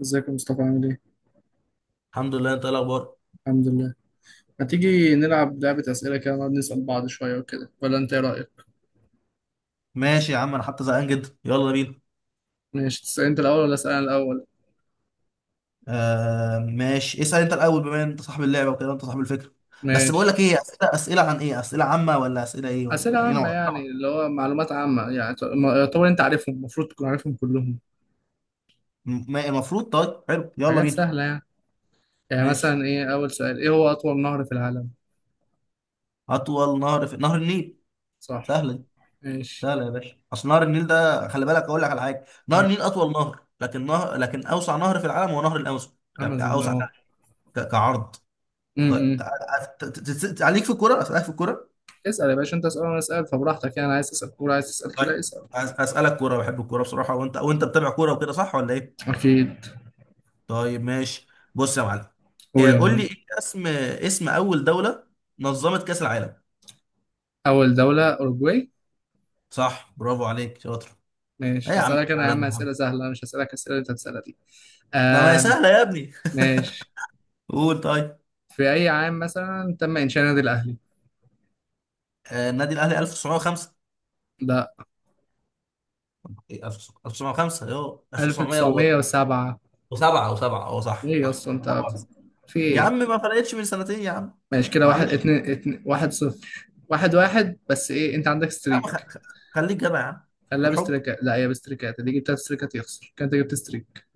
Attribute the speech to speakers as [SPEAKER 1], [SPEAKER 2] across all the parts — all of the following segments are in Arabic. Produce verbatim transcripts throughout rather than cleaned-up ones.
[SPEAKER 1] ازيك يا مصطفى عامل ايه؟
[SPEAKER 2] الحمد لله. انت ايه الاخبار؟
[SPEAKER 1] الحمد لله. هتيجي نلعب لعبة أسئلة كده، نقعد نسأل بعض شوية وكده، ولا أنت إيه رأيك؟
[SPEAKER 2] ماشي يا عم، انا حتى زهقان جدا، يلا بينا.
[SPEAKER 1] ماشي، تسأل أنت الأول ولا أسأل أنا الأول؟
[SPEAKER 2] آه ماشي، اسأل انت الاول، بما ان انت صاحب اللعبة وكده، انت صاحب الفكرة. بس بقول
[SPEAKER 1] ماشي.
[SPEAKER 2] لك ايه، اسئلة اسئلة عن ايه؟ اسئلة عامة ولا اسئلة ايه؟ ولا
[SPEAKER 1] أسئلة
[SPEAKER 2] يعني ايه
[SPEAKER 1] عامة،
[SPEAKER 2] نوع؟
[SPEAKER 1] يعني
[SPEAKER 2] نوع
[SPEAKER 1] اللي هو معلومات عامة، يعني ت- ما- يعتبر أنت عارفهم، المفروض تكون عارفهم كلهم.
[SPEAKER 2] م- ما- المفروض؟ طيب حلو، يلا
[SPEAKER 1] حاجات
[SPEAKER 2] بينا.
[SPEAKER 1] سهلة يعني. يعني
[SPEAKER 2] ماشي.
[SPEAKER 1] مثلا إيه، أول سؤال، إيه هو أطول نهر في العالم؟
[SPEAKER 2] اطول نهر في نهر النيل.
[SPEAKER 1] صح.
[SPEAKER 2] سهلة دي.
[SPEAKER 1] ماشي.
[SPEAKER 2] سهلة يا باشا. اصل نهر النيل ده، خلي بالك اقول لك على حاجة، نهر
[SPEAKER 1] مم.
[SPEAKER 2] النيل اطول نهر، لكن نهر لكن اوسع نهر في العالم هو نهر الامازون، يعني
[SPEAKER 1] أمازون
[SPEAKER 2] اوسع
[SPEAKER 1] أه.
[SPEAKER 2] ك- كعرض.
[SPEAKER 1] مم،
[SPEAKER 2] طيب
[SPEAKER 1] مم.
[SPEAKER 2] تع- ت- ت- ت- ت- عليك في الكورة، اسالك في الكورة.
[SPEAKER 1] اسأل يا باشا، أنت اسأل وأنا أسأل، فبراحتك يعني، عايز تسأل كورة، عايز تسأل
[SPEAKER 2] طيب
[SPEAKER 1] كده، اسأل.
[SPEAKER 2] أس- اسالك كوره، بحب الكوره بصراحه، وانت وانت بتابع كوره وكده، صح ولا ايه؟
[SPEAKER 1] أكيد.
[SPEAKER 2] طيب ماشي. بص يا معلم.
[SPEAKER 1] قول
[SPEAKER 2] إيه،
[SPEAKER 1] يا
[SPEAKER 2] قول لي،
[SPEAKER 1] معلم.
[SPEAKER 2] ايه اسم اسم اول دوله نظمت كاس العالم؟
[SPEAKER 1] أول دولة أوروجواي.
[SPEAKER 2] صح، برافو عليك، شاطر. ايه يا
[SPEAKER 1] ماشي،
[SPEAKER 2] عم
[SPEAKER 1] هسألك أنا يا
[SPEAKER 2] الكلام
[SPEAKER 1] عم
[SPEAKER 2] ده يا عم،
[SPEAKER 1] أسئلة سهلة، أنا مش هسألك الأسئلة اللي أنت بتسألها دي.
[SPEAKER 2] ده ما هي
[SPEAKER 1] آه.
[SPEAKER 2] سهله يا ابني.
[SPEAKER 1] ماشي.
[SPEAKER 2] قول طيب.
[SPEAKER 1] في أي عام مثلا تم إنشاء النادي الأهلي؟
[SPEAKER 2] آه، النادي الاهلي ألف وتسعمية وخمسة.
[SPEAKER 1] لا.
[SPEAKER 2] إيه، ألف وتسعمية وخمسة ايوه ألف وتسعمية وسبعة.
[SPEAKER 1] ألف وتسعمية وسبعة.
[SPEAKER 2] او سبعة، اه، صح
[SPEAKER 1] إيه
[SPEAKER 2] صح
[SPEAKER 1] أصلا أنت
[SPEAKER 2] طبعاً.
[SPEAKER 1] بت- في
[SPEAKER 2] يا
[SPEAKER 1] إيه؟
[SPEAKER 2] عم ما فرقتش من سنتين يا عم،
[SPEAKER 1] ماشي كده، واحد
[SPEAKER 2] معلش.
[SPEAKER 1] اتنين, اتنين واحد صفر واحد واحد، بس إيه أنت عندك
[SPEAKER 2] يا عم خ-
[SPEAKER 1] ستريك.
[SPEAKER 2] خ- خليك جدع يا عم.
[SPEAKER 1] خليها
[SPEAKER 2] بالحب.
[SPEAKER 1] بستريكات، لا هي بستريكات، اللي جبت تلات ستريكات يخسر، كان أنت جبت ستريك.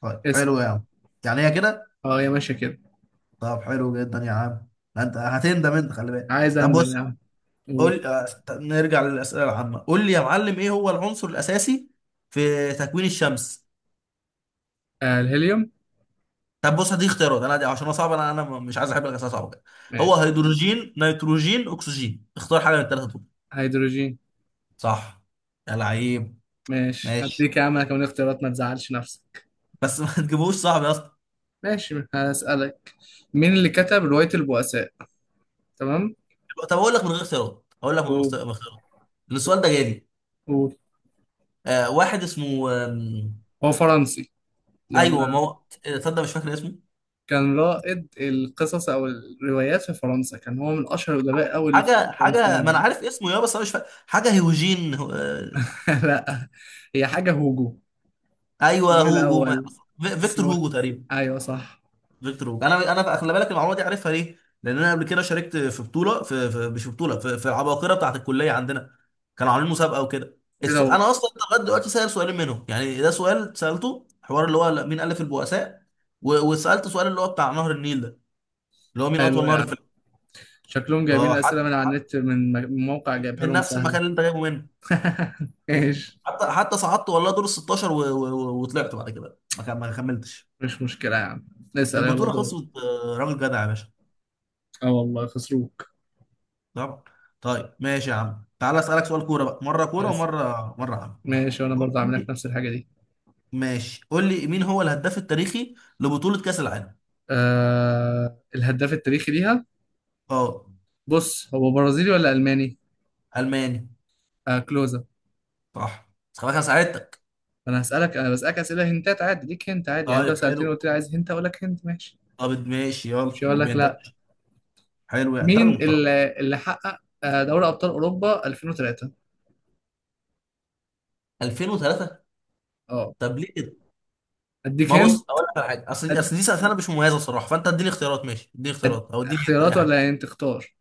[SPEAKER 2] طيب
[SPEAKER 1] اسأل.
[SPEAKER 2] حلو يا عم. يعني هي كده.
[SPEAKER 1] أه هي ماشية كده.
[SPEAKER 2] طب حلو جدا يا عم، ده انت هتندم، انت خلي بالك.
[SPEAKER 1] عايز
[SPEAKER 2] طب بص
[SPEAKER 1] أندم
[SPEAKER 2] يا عم،
[SPEAKER 1] يعني. قول.
[SPEAKER 2] قول. آه، ط- نرجع للاسئله العامه. قول لي يا معلم، ايه هو العنصر الاساسي في تكوين الشمس؟
[SPEAKER 1] آه الهيليوم.
[SPEAKER 2] طب بص، هدي اختيارات انا دي، عشان انا صعب، انا انا مش عايز احب الاسئله صعبه كده. هو
[SPEAKER 1] ماشي.
[SPEAKER 2] هيدروجين، نيتروجين، اكسجين، اختار حاجه من الثلاثه دول.
[SPEAKER 1] هيدروجين.
[SPEAKER 2] صح، يا لعيب.
[SPEAKER 1] ماشي
[SPEAKER 2] ماشي
[SPEAKER 1] هديك يا عم أنا كمان اختيارات، ما تزعلش نفسك.
[SPEAKER 2] بس ما تجيبوش صعب يا اسطى.
[SPEAKER 1] ماشي. هسألك. مين اللي كتب رواية البؤساء؟ تمام.
[SPEAKER 2] طب اقول لك من غير اختيارات، اقول لك من غير
[SPEAKER 1] و...
[SPEAKER 2] اختيار- من اختيارات. السؤال ده جالي.
[SPEAKER 1] و...
[SPEAKER 2] آه واحد اسمه آم،
[SPEAKER 1] هو فرنسي.
[SPEAKER 2] ايوه ما
[SPEAKER 1] يلا.
[SPEAKER 2] هو. آه، تصدق مش فاكر اسمه.
[SPEAKER 1] كان رائد القصص أو الروايات في فرنسا، كان هو من أشهر الأدباء أوي اللي في
[SPEAKER 2] حاجه حاجه ما
[SPEAKER 1] الفرنسيين.
[SPEAKER 2] انا عارف اسمه يا، بس انا مش فاكر حاجه. هيوجين هو- آه،
[SPEAKER 1] لا. هي حاجة هوجو.
[SPEAKER 2] ايوه
[SPEAKER 1] اسمه إيه
[SPEAKER 2] هوجو ما...
[SPEAKER 1] الأول؟
[SPEAKER 2] في- فيكتور
[SPEAKER 1] اسمه إيه؟
[SPEAKER 2] هوجو تقريبا.
[SPEAKER 1] أيوه صح.
[SPEAKER 2] فيكتور هوجو، انا انا خلي بالك المعلومه دي عارفها ليه؟ لان انا قبل كده شاركت في بطوله في, في مش في بطوله، في, في العباقره بتاعت الكليه عندنا. كانوا عاملين مسابقه وكده.
[SPEAKER 1] إيه ده
[SPEAKER 2] السو...
[SPEAKER 1] هو؟
[SPEAKER 2] انا اصلا لغايه دلوقتي سائل سؤالين منهم، يعني ده سؤال سالته حوار اللي هو مين الف البؤساء، و... وسالت سؤال اللي هو بتاع نهر النيل ده، اللي هو مين اطول
[SPEAKER 1] حلو
[SPEAKER 2] نهر
[SPEAKER 1] يعني.
[SPEAKER 2] في ال-
[SPEAKER 1] شكلهم جايبين
[SPEAKER 2] اه. حد
[SPEAKER 1] الأسئلة من على
[SPEAKER 2] حد
[SPEAKER 1] النت، من م- من موقع جايبها
[SPEAKER 2] من
[SPEAKER 1] لهم
[SPEAKER 2] نفس المكان
[SPEAKER 1] سهلة.
[SPEAKER 2] اللي انت جايبه منه. أي.
[SPEAKER 1] ايش.
[SPEAKER 2] حتى حتى صعدت والله دور ال ستاشر، و... و... و- وطلعت بعد كده، ما كم- ما كملتش
[SPEAKER 1] مش مشكلة يا عم. اسأل يلا
[SPEAKER 2] البطوله، خلصت.
[SPEAKER 1] دور.
[SPEAKER 2] آه، راجل جدع يا باشا.
[SPEAKER 1] اه والله خسروك.
[SPEAKER 2] طبعا. طيب ماشي يا عم، تعالى اسالك سؤال كوره بقى، مره كوره
[SPEAKER 1] اسأل.
[SPEAKER 2] ومره مره عام.
[SPEAKER 1] ماشي، وأنا
[SPEAKER 2] قول
[SPEAKER 1] برضه عامل لك
[SPEAKER 2] لي.
[SPEAKER 1] نفس الحاجة دي.
[SPEAKER 2] ماشي، قول لي مين هو الهداف التاريخي لبطوله كاس العالم؟
[SPEAKER 1] آه الهداف التاريخي ليها.
[SPEAKER 2] اه،
[SPEAKER 1] بص، هو برازيلي ولا ألماني؟
[SPEAKER 2] الماني.
[SPEAKER 1] آه كلوزا.
[SPEAKER 2] صح. بس خلاص، انا ساعدتك.
[SPEAKER 1] أنا هسألك، أنا بسألك أسئلة هنتات عادي ليك، هنت عادي يعني، أنت لو
[SPEAKER 2] طيب
[SPEAKER 1] سألتني
[SPEAKER 2] حلو.
[SPEAKER 1] وقلت لي عايز هنت أقول لك هنت ماشي.
[SPEAKER 2] طب ماشي، يلا
[SPEAKER 1] مش هقول
[SPEAKER 2] لو
[SPEAKER 1] لك
[SPEAKER 2] بينتهي.
[SPEAKER 1] لا.
[SPEAKER 2] حلو، يعني انت راجل
[SPEAKER 1] مين
[SPEAKER 2] محترم.
[SPEAKER 1] اللي, اللي حقق آه، دوري أبطال أوروبا ألفين وثلاثة؟
[SPEAKER 2] ألفين وثلاثة.
[SPEAKER 1] أه.
[SPEAKER 2] طب ليه؟
[SPEAKER 1] أديك
[SPEAKER 2] ما
[SPEAKER 1] هنت.
[SPEAKER 2] بص اقول لك على حاجه، اصل دي
[SPEAKER 1] أد...
[SPEAKER 2] اصل دي سنه مش مميزه الصراحه، فانت اديني اختيارات، ماشي اديني
[SPEAKER 1] أد...
[SPEAKER 2] اختيارات، او اديني انت
[SPEAKER 1] اختيارات
[SPEAKER 2] اي حاجه.
[SPEAKER 1] ولا هنت تختار؟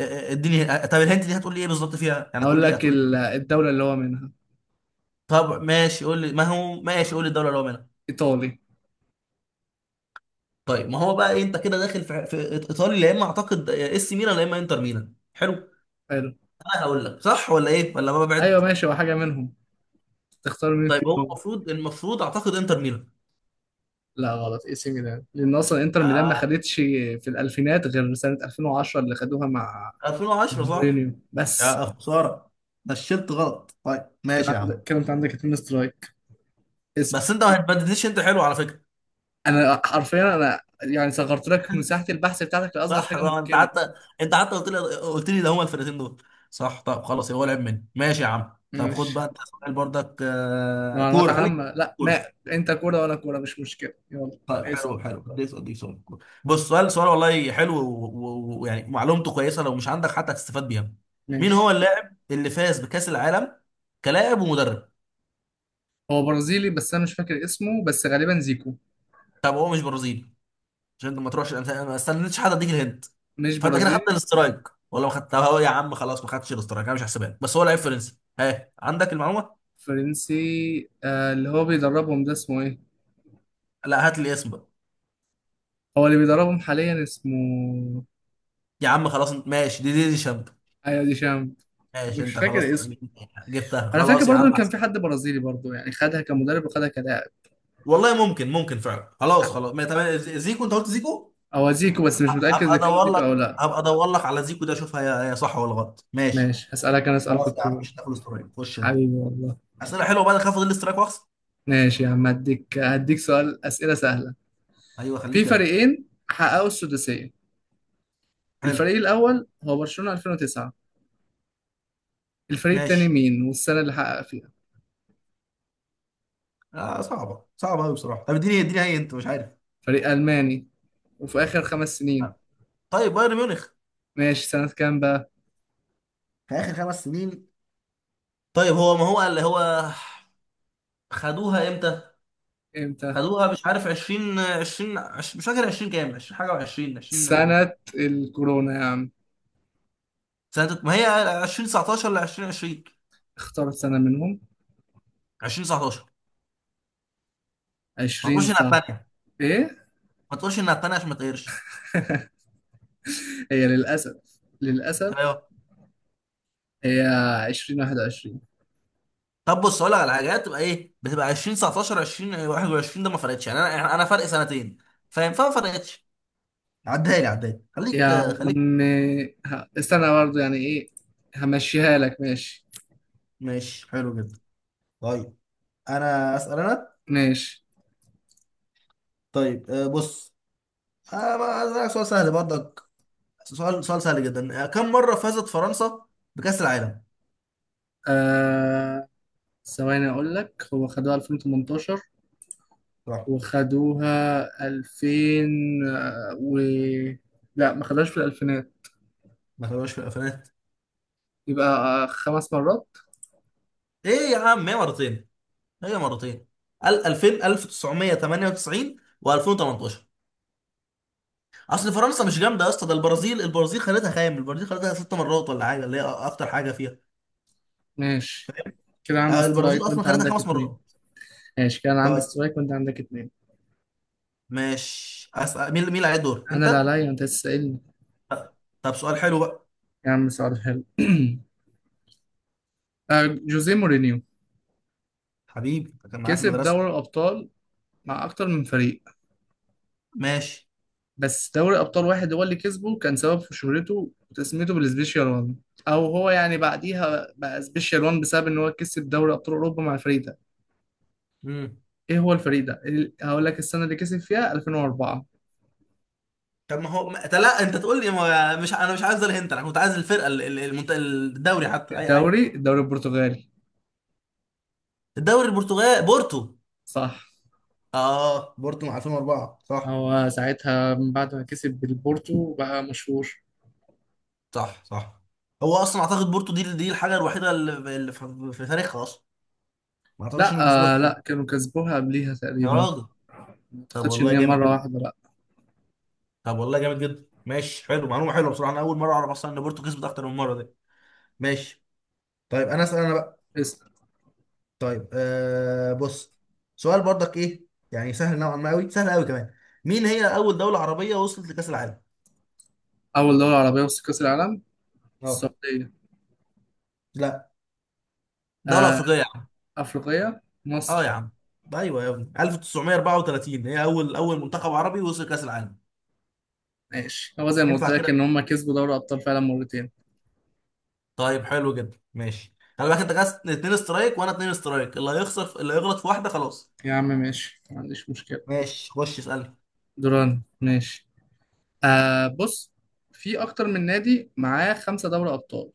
[SPEAKER 2] ا- ا- اديني ا- طب الهنت دي هتقول لي ايه بالظبط فيها؟ يعني هتقول
[SPEAKER 1] هقول
[SPEAKER 2] لي،
[SPEAKER 1] لك
[SPEAKER 2] هتقول لي
[SPEAKER 1] ال-
[SPEAKER 2] إيه؟
[SPEAKER 1] الدولة اللي هو منها.
[SPEAKER 2] طب ماشي قول لي، ما هو ماشي، قول لي الدوله اللي هو منها.
[SPEAKER 1] إيطالي.
[SPEAKER 2] طيب ما هو بقى إيه، انت كده داخل في, في ايطالي، يا اما اعتقد اه، اس ميلان يا اما انتر ميلان. حلو.
[SPEAKER 1] حلو.
[SPEAKER 2] انا هقول لك صح ولا ايه ولا ما
[SPEAKER 1] أيوه
[SPEAKER 2] ببعد.
[SPEAKER 1] ماشي، هو حاجة منهم، تختار مين
[SPEAKER 2] طيب هو
[SPEAKER 1] فيهم.
[SPEAKER 2] المفروض المفروض اعتقد انتر ميلان.
[SPEAKER 1] لا غلط، اي سي ميلان، لان اصلا انتر ميلان ما
[SPEAKER 2] يا.
[SPEAKER 1] خدتش في الالفينات غير سنه ألفين وعشرة اللي خدوها مع، مع
[SPEAKER 2] ألفين وعشرة، صح.
[SPEAKER 1] مورينيو بس.
[SPEAKER 2] يا خساره، نشلت غلط. طيب
[SPEAKER 1] كان
[SPEAKER 2] ماشي يا
[SPEAKER 1] عندك،
[SPEAKER 2] عم.
[SPEAKER 1] كان انت عندك اتنين سترايك. اسال.
[SPEAKER 2] بس انت ما هتبددنيش، انت حلو على فكره.
[SPEAKER 1] انا حرفيا، انا يعني صغرت لك مساحه البحث بتاعتك لاصغر
[SPEAKER 2] صح
[SPEAKER 1] حاجه
[SPEAKER 2] طبعا، انت
[SPEAKER 1] ممكنه.
[SPEAKER 2] حتى انت حتى قلت لي، قلت لي ده هما الفرقتين دول. صح. طب خلاص، هو لعب مني. ماشي يا عم، طب خد بقى
[SPEAKER 1] ماشي
[SPEAKER 2] انت سؤال برضك. آه،
[SPEAKER 1] معلومات
[SPEAKER 2] كوره، خليك
[SPEAKER 1] عامه لا
[SPEAKER 2] كوره.
[SPEAKER 1] ما. انت كوره وانا كوره، مش مشكله، يلا.
[SPEAKER 2] طيب
[SPEAKER 1] اسال.
[SPEAKER 2] حلو حلو خليك، اديك سؤال كوره. بص، سؤال سؤال والله حلو، و- و- ويعني معلومته كويسه لو مش عندك، حتى هتستفاد بيها. مين هو
[SPEAKER 1] ماشي.
[SPEAKER 2] اللاعب اللي فاز بكاس العالم كلاعب ومدرب؟
[SPEAKER 1] هو برازيلي، بس انا مش فاكر اسمه، بس غالبا زيكو.
[SPEAKER 2] طب هو مش برازيلي. عشان انت ما تروحش الأمثلة، انا ما استنيتش حد اديك الهنت،
[SPEAKER 1] مش
[SPEAKER 2] فانت كده خدت
[SPEAKER 1] برازيلي.
[SPEAKER 2] الاسترايك ولا ما خدتها؟ هو يا عم خلاص ما خدتش الاسترايك، انا مش هحسبها لك. بس هو لعيب فرنسي، ها عندك المعلومه.
[SPEAKER 1] فرنسي آه، اللي هو بيدربهم ده اسمه ايه؟
[SPEAKER 2] لا هات لي اسم بقى.
[SPEAKER 1] هو اللي بيدربهم حاليا اسمه.
[SPEAKER 2] يا عم خلاص انت، ماشي دي دي, دي شاب.
[SPEAKER 1] ايوه دي شام.
[SPEAKER 2] ماشي
[SPEAKER 1] مش
[SPEAKER 2] انت، خلاص
[SPEAKER 1] فاكر اسمه.
[SPEAKER 2] جبتها
[SPEAKER 1] انا فاكر
[SPEAKER 2] خلاص يا
[SPEAKER 1] برضو ان
[SPEAKER 2] عم،
[SPEAKER 1] كان
[SPEAKER 2] احسن.
[SPEAKER 1] في حد برازيلي برضو، يعني خدها كمدرب وخدها كلاعب.
[SPEAKER 2] والله ممكن، ممكن فعلا، خلاص خلاص ما تمام، زيكو انت قلت زيكو.
[SPEAKER 1] هو زيكو، بس مش متاكد
[SPEAKER 2] هبقى
[SPEAKER 1] اذا كان
[SPEAKER 2] ادور
[SPEAKER 1] زيكو او
[SPEAKER 2] لك
[SPEAKER 1] لا.
[SPEAKER 2] هبقى ادور لك على زيكو ده، اشوفها هي هي صح ولا غلط. ماشي.
[SPEAKER 1] ماشي هسالك انا سؤال في
[SPEAKER 2] خلاص يا عم،
[SPEAKER 1] الكوره.
[SPEAKER 2] مش هتاخد استرايك، خش انت.
[SPEAKER 1] حبيبي والله.
[SPEAKER 2] اسئله حلوه بقى، اخاف اخد الاسترايك واخسر.
[SPEAKER 1] ماشي يا عم، هديك هديك سؤال، اسئله سهله.
[SPEAKER 2] ايوه، خليك
[SPEAKER 1] في
[SPEAKER 2] جدع.
[SPEAKER 1] فريقين حققوا السداسيه،
[SPEAKER 2] حلو.
[SPEAKER 1] الفريق الاول هو برشلونه ألفين وتسعة، الفريق التاني
[SPEAKER 2] ماشي.
[SPEAKER 1] مين والسنه اللي حقق فيها؟
[SPEAKER 2] آه صعبه، صعبه قوي بصراحه. طب اديني، اديني هي انت مش عارف.
[SPEAKER 1] فريق الماني، وفي اخر خمس سنين.
[SPEAKER 2] آه. طيب بايرن ميونخ.
[SPEAKER 1] ماشي، سنه كام بقى؟
[SPEAKER 2] في اخر خمس سنين. طيب هو ما هو اللي هو خدوها امتى؟
[SPEAKER 1] امتى؟
[SPEAKER 2] خدوها مش عارف، عشرين عشرين، عش- مش فاكر عشرين كام، عشرين حاجه و20 عشرين.
[SPEAKER 1] سنه الكورونا يا عم.
[SPEAKER 2] سنه ما هي ألفين وتسعتاشر ل ألفين وعشرين.
[SPEAKER 1] اختار سنه منهم.
[SPEAKER 2] ألفين وتسعتاشر. ما
[SPEAKER 1] عشرين؟
[SPEAKER 2] تقولش انها
[SPEAKER 1] صح.
[SPEAKER 2] الثانيه.
[SPEAKER 1] ايه؟
[SPEAKER 2] ما تقولش انها الثانيه عشان ما تقهرش.
[SPEAKER 1] هي للاسف، للاسف
[SPEAKER 2] ايوه.
[SPEAKER 1] هي ألفين وواحد وعشرين.
[SPEAKER 2] طب بص اقول لك على حاجه، تبقى ايه؟ بتبقى ألفين وتسعتاشر ألفين وواحد وعشرين، ده ما فرقتش، يعني انا يعني انا فرق سنتين فاهم، فما فرقتش. عدها لي، عدها لي
[SPEAKER 1] يا
[SPEAKER 2] خليك، خليك
[SPEAKER 1] عم ه- استنى برضه، يعني ايه؟ همشيها لك ماشي.
[SPEAKER 2] ماشي حلو جدا. طيب انا اسال انا.
[SPEAKER 1] ماشي.
[SPEAKER 2] طيب آه، بص. آه، ما- أسألك سؤال سهل برضك. سؤال سؤال سهل جدا. آه، كم مره فازت فرنسا بكأس العالم؟
[SPEAKER 1] آه ثواني اقول لك، هو خدوها ألفين وتمنتاشر،
[SPEAKER 2] صح.
[SPEAKER 1] وخدوها ألفين آه، و لا ما خدوهاش في الالفينات.
[SPEAKER 2] ما تابعوش في الالفينات.
[SPEAKER 1] يبقى آه، خمس مرات.
[SPEAKER 2] ايه يا عم، هي مرتين. هي مرتين ال- ألفين ألف وتسعمائة وثمانية وتسعين و2018. اصل فرنسا مش جامده يا اسطى، ده البرازيل. البرازيل خدتها خام، البرازيل خدتها ست مرات ولا حاجه، اللي هي اكتر حاجه فيها.
[SPEAKER 1] ماشي كده عندي
[SPEAKER 2] آه، البرازيل
[SPEAKER 1] سترايك
[SPEAKER 2] اصلا
[SPEAKER 1] وانت
[SPEAKER 2] خدتها
[SPEAKER 1] عندك
[SPEAKER 2] خمس
[SPEAKER 1] اتنين.
[SPEAKER 2] مرات.
[SPEAKER 1] ماشي كده انا عندي
[SPEAKER 2] طيب
[SPEAKER 1] سترايك وانت عندك اتنين.
[SPEAKER 2] ماشي، اسال. مين مين اللي عليه الدور؟
[SPEAKER 1] انا
[SPEAKER 2] انت.
[SPEAKER 1] اللي عليا انت تسألني.
[SPEAKER 2] طب سؤال حلو بقى.
[SPEAKER 1] يا عم سؤال حلو آه، جوزيه مورينيو
[SPEAKER 2] حبيبي ده كان معايا في
[SPEAKER 1] كسب
[SPEAKER 2] المدرسه.
[SPEAKER 1] دوري الأبطال مع أكتر من فريق،
[SPEAKER 2] ماشي.
[SPEAKER 1] بس دوري أبطال واحد هو اللي كسبه كان سبب في شهرته وتسميته بالسبيشال وان، أو هو يعني بعديها بقى سبيشال وان بسبب إن هو كسب دوري أبطال أوروبا مع الفريق ده.
[SPEAKER 2] امم
[SPEAKER 1] إيه هو الفريق ده؟ ال- هقول لك السنة اللي كسب فيها ألفين وأربعة.
[SPEAKER 2] طب ما هو ما... أنت، لا انت تقول لي ما... مش انا، مش عايز الهنت، انا كنت عايز الفرقه، ال- ال- المنت... الدوري حتى، اي حاجه.
[SPEAKER 1] الدوري، الدوري البرتغالي.
[SPEAKER 2] الدوري البرتغال، بورتو.
[SPEAKER 1] صح.
[SPEAKER 2] اه بورتو، مع ألفين واربعة، صح.
[SPEAKER 1] هو ساعتها من بعد ما كسب بالبورتو بقى مشهور.
[SPEAKER 2] صح صح هو اصلا اعتقد بورتو دي دي الحاجه الوحيده اللي اللي في في تاريخها اصلا. ما اعتقدش
[SPEAKER 1] لا.
[SPEAKER 2] انهم كسبوها
[SPEAKER 1] آه
[SPEAKER 2] تاني.
[SPEAKER 1] لا، كانوا كسبوها قبليها
[SPEAKER 2] يا
[SPEAKER 1] تقريبا.
[SPEAKER 2] راجل.
[SPEAKER 1] ما
[SPEAKER 2] طب
[SPEAKER 1] أعتقدش إن
[SPEAKER 2] والله
[SPEAKER 1] هي
[SPEAKER 2] جامد
[SPEAKER 1] مرة
[SPEAKER 2] جدا.
[SPEAKER 1] واحدة لا.
[SPEAKER 2] طب والله جامد جدا ماشي حلو، معلومه حلوه بصراحه، انا اول مره اعرف اصلا ان بورتو كسبت اكتر من مره دي. ماشي. طيب انا اسال انا بقى.
[SPEAKER 1] اسأل.
[SPEAKER 2] طيب آه بص. سؤال برضك ايه، يعني سهل نوعا ما، قوي سهل قوي كمان. مين هي اول دوله عربيه وصلت لكاس العالم؟
[SPEAKER 1] أول دوري عربية وسط كأس العالم.
[SPEAKER 2] اه.
[SPEAKER 1] السعودية.
[SPEAKER 2] لا، دوله
[SPEAKER 1] آه،
[SPEAKER 2] افريقيه.
[SPEAKER 1] أفريقية
[SPEAKER 2] اه يا
[SPEAKER 1] مصر.
[SPEAKER 2] عم، ايوه يا ابني، ألف وتسعمية واربعة وتلاتين هي اول اول منتخب عربي وصل كاس العالم.
[SPEAKER 1] ماشي، هو زي ما قلت
[SPEAKER 2] ينفع
[SPEAKER 1] لك
[SPEAKER 2] كده؟
[SPEAKER 1] إن هما كسبوا دوري أبطال فعلا مرتين.
[SPEAKER 2] طيب حلو جدا، ماشي، خلي بالك انت كاس اتنين استرايك وانا اتنين استرايك، اللي هيخسر في... اللي هيغلط في واحده خلاص.
[SPEAKER 1] يا عم ماشي، ما عنديش مشكلة.
[SPEAKER 2] ماشي، خش اسالني.
[SPEAKER 1] دوران ماشي. آه بص. في أكتر من نادي معاه خمسة دوري أبطال،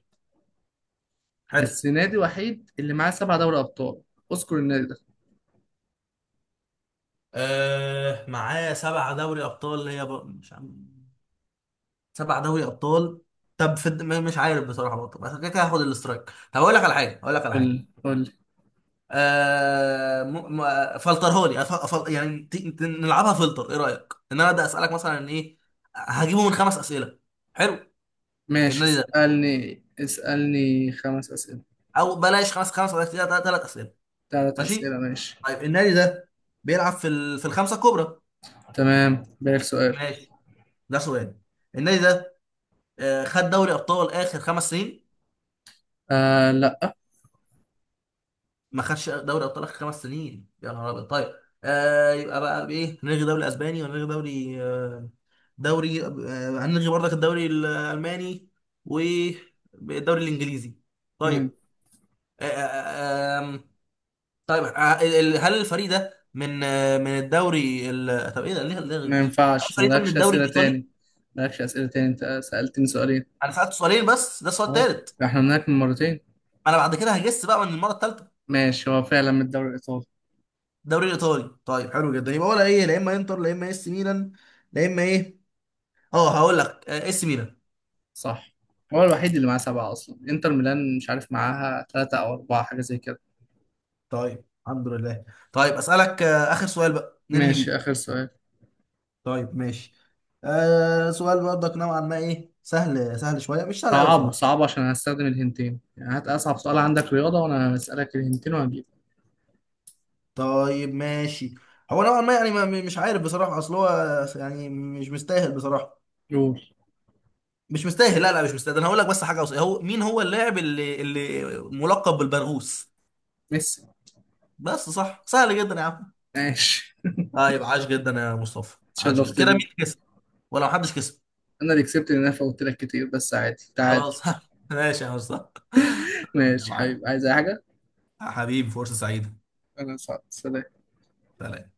[SPEAKER 2] حلو.
[SPEAKER 1] بس نادي وحيد اللي معاه سبعة دوري أبطال، اذكر النادي ده.
[SPEAKER 2] آه معاه سبع دوري ابطال، هي ب... مش عم... سبع دوري ابطال. طب في الد- م- مش عارف بصراحه برضه، بس كده كده هاخد الاسترايك. طب اقول لك على حاجه، اقول لك على حاجه
[SPEAKER 1] قول قول.
[SPEAKER 2] آه م... م... فلترهولي أف... أف... يعني ت... ت- نلعبها فلتر، ايه رايك ان انا ابدا اسالك مثلا ايه، هجيبه من خمس اسئله. حلو.
[SPEAKER 1] ماشي
[SPEAKER 2] النادي ده،
[SPEAKER 1] اسألني، اسألني خمس أسئلة.
[SPEAKER 2] او بلاش خمس، خمس اسئله، ثلاث اسئله.
[SPEAKER 1] ثلاث
[SPEAKER 2] ماشي.
[SPEAKER 1] أسئلة ماشي.
[SPEAKER 2] طيب النادي ده بيلعب في ال... في الخمسه الكبرى.
[SPEAKER 1] تمام بالك سؤال.
[SPEAKER 2] ماشي. ده سؤال. النادي ده آه خد دوري ابطال اخر خمس سنين؟
[SPEAKER 1] آه لأ.
[SPEAKER 2] ما خدش دوري ابطال اخر خمس سنين، يا نهار ابيض. طيب. آه يبقى بقى بايه، نلغي دوري اسباني ونلغي دوري آه، دوري آه، هنلغي برضك الدوري الالماني والدوري الانجليزي. طيب. آه، آه، آه، آم، طيب آه، ال- هل الفريق ده من آه، من الدوري ال... طب ايه ده، ليه ليه غير
[SPEAKER 1] ما
[SPEAKER 2] مصر، هل
[SPEAKER 1] ينفعش
[SPEAKER 2] الفريق ده من
[SPEAKER 1] مالكش
[SPEAKER 2] الدوري
[SPEAKER 1] أسئلة
[SPEAKER 2] الايطالي؟
[SPEAKER 1] تاني، مالكش أسئلة تاني، أنت سألتني سؤالين.
[SPEAKER 2] انا سالت سؤالين بس، ده السؤال
[SPEAKER 1] اه.
[SPEAKER 2] الثالث.
[SPEAKER 1] احنا هناك من مرتين.
[SPEAKER 2] انا بعد كده هجس بقى من المره الثالثه.
[SPEAKER 1] ماشي، هو فعلا من الدوري الإيطالي.
[SPEAKER 2] الدوري الايطالي. طيب حلو جدا، يبقى ولا ايه، لا اما انتر لا اما اس ميلان، لا اما ايه. اه هقول لك، آه، اس ميلان.
[SPEAKER 1] صح، هو الوحيد اللي معاه سبعة، أصلا إنتر ميلان مش عارف معاها ثلاثة أو أربعة، حاجة زي كده.
[SPEAKER 2] طيب الحمد لله. طيب اسالك آه، اخر سؤال بقى ننهي
[SPEAKER 1] ماشي
[SPEAKER 2] بيه.
[SPEAKER 1] آخر سؤال.
[SPEAKER 2] طيب ماشي. آه سؤال برضك نوعا ما ايه، سهل، سهل شويه، مش سهل قوي
[SPEAKER 1] صعبه،
[SPEAKER 2] بصراحه.
[SPEAKER 1] صعبه عشان هستخدم الهنتين يعني، هات أصعب سؤال عندك رياضة وأنا هسألك الهنتين وهجيبك.
[SPEAKER 2] طيب ماشي. هو نوعا ما يعني، ما مش عارف بصراحه، اصل هو يعني مش مستاهل بصراحه.
[SPEAKER 1] قول.
[SPEAKER 2] مش مستاهل، لا لا مش مستاهل، ده انا هقول لك بس حاجه وص- هو، مين هو اللاعب اللي اللي ملقب بالبرغوث؟
[SPEAKER 1] ميسي.
[SPEAKER 2] بس، صح، سهل جدا يا عم.
[SPEAKER 1] ماشي.
[SPEAKER 2] طيب، عاش جدا يا مصطفى، عاش جدا،
[SPEAKER 1] اتشرفت
[SPEAKER 2] كده مين
[SPEAKER 1] بيك.
[SPEAKER 2] كسب ولا محدش كسب؟
[SPEAKER 1] أنا اللي كسبت، لأن أنا فوتت لك كتير، بس عادي تعادل.
[SPEAKER 2] خلاص ماشي يا مصطفى يا
[SPEAKER 1] ماشي
[SPEAKER 2] معلم.
[SPEAKER 1] حبيبي، عايز أي حاجة؟
[SPEAKER 2] حبيبي، فرصه سعيده.
[SPEAKER 1] أنا سعد سلام.
[SPEAKER 2] سلام.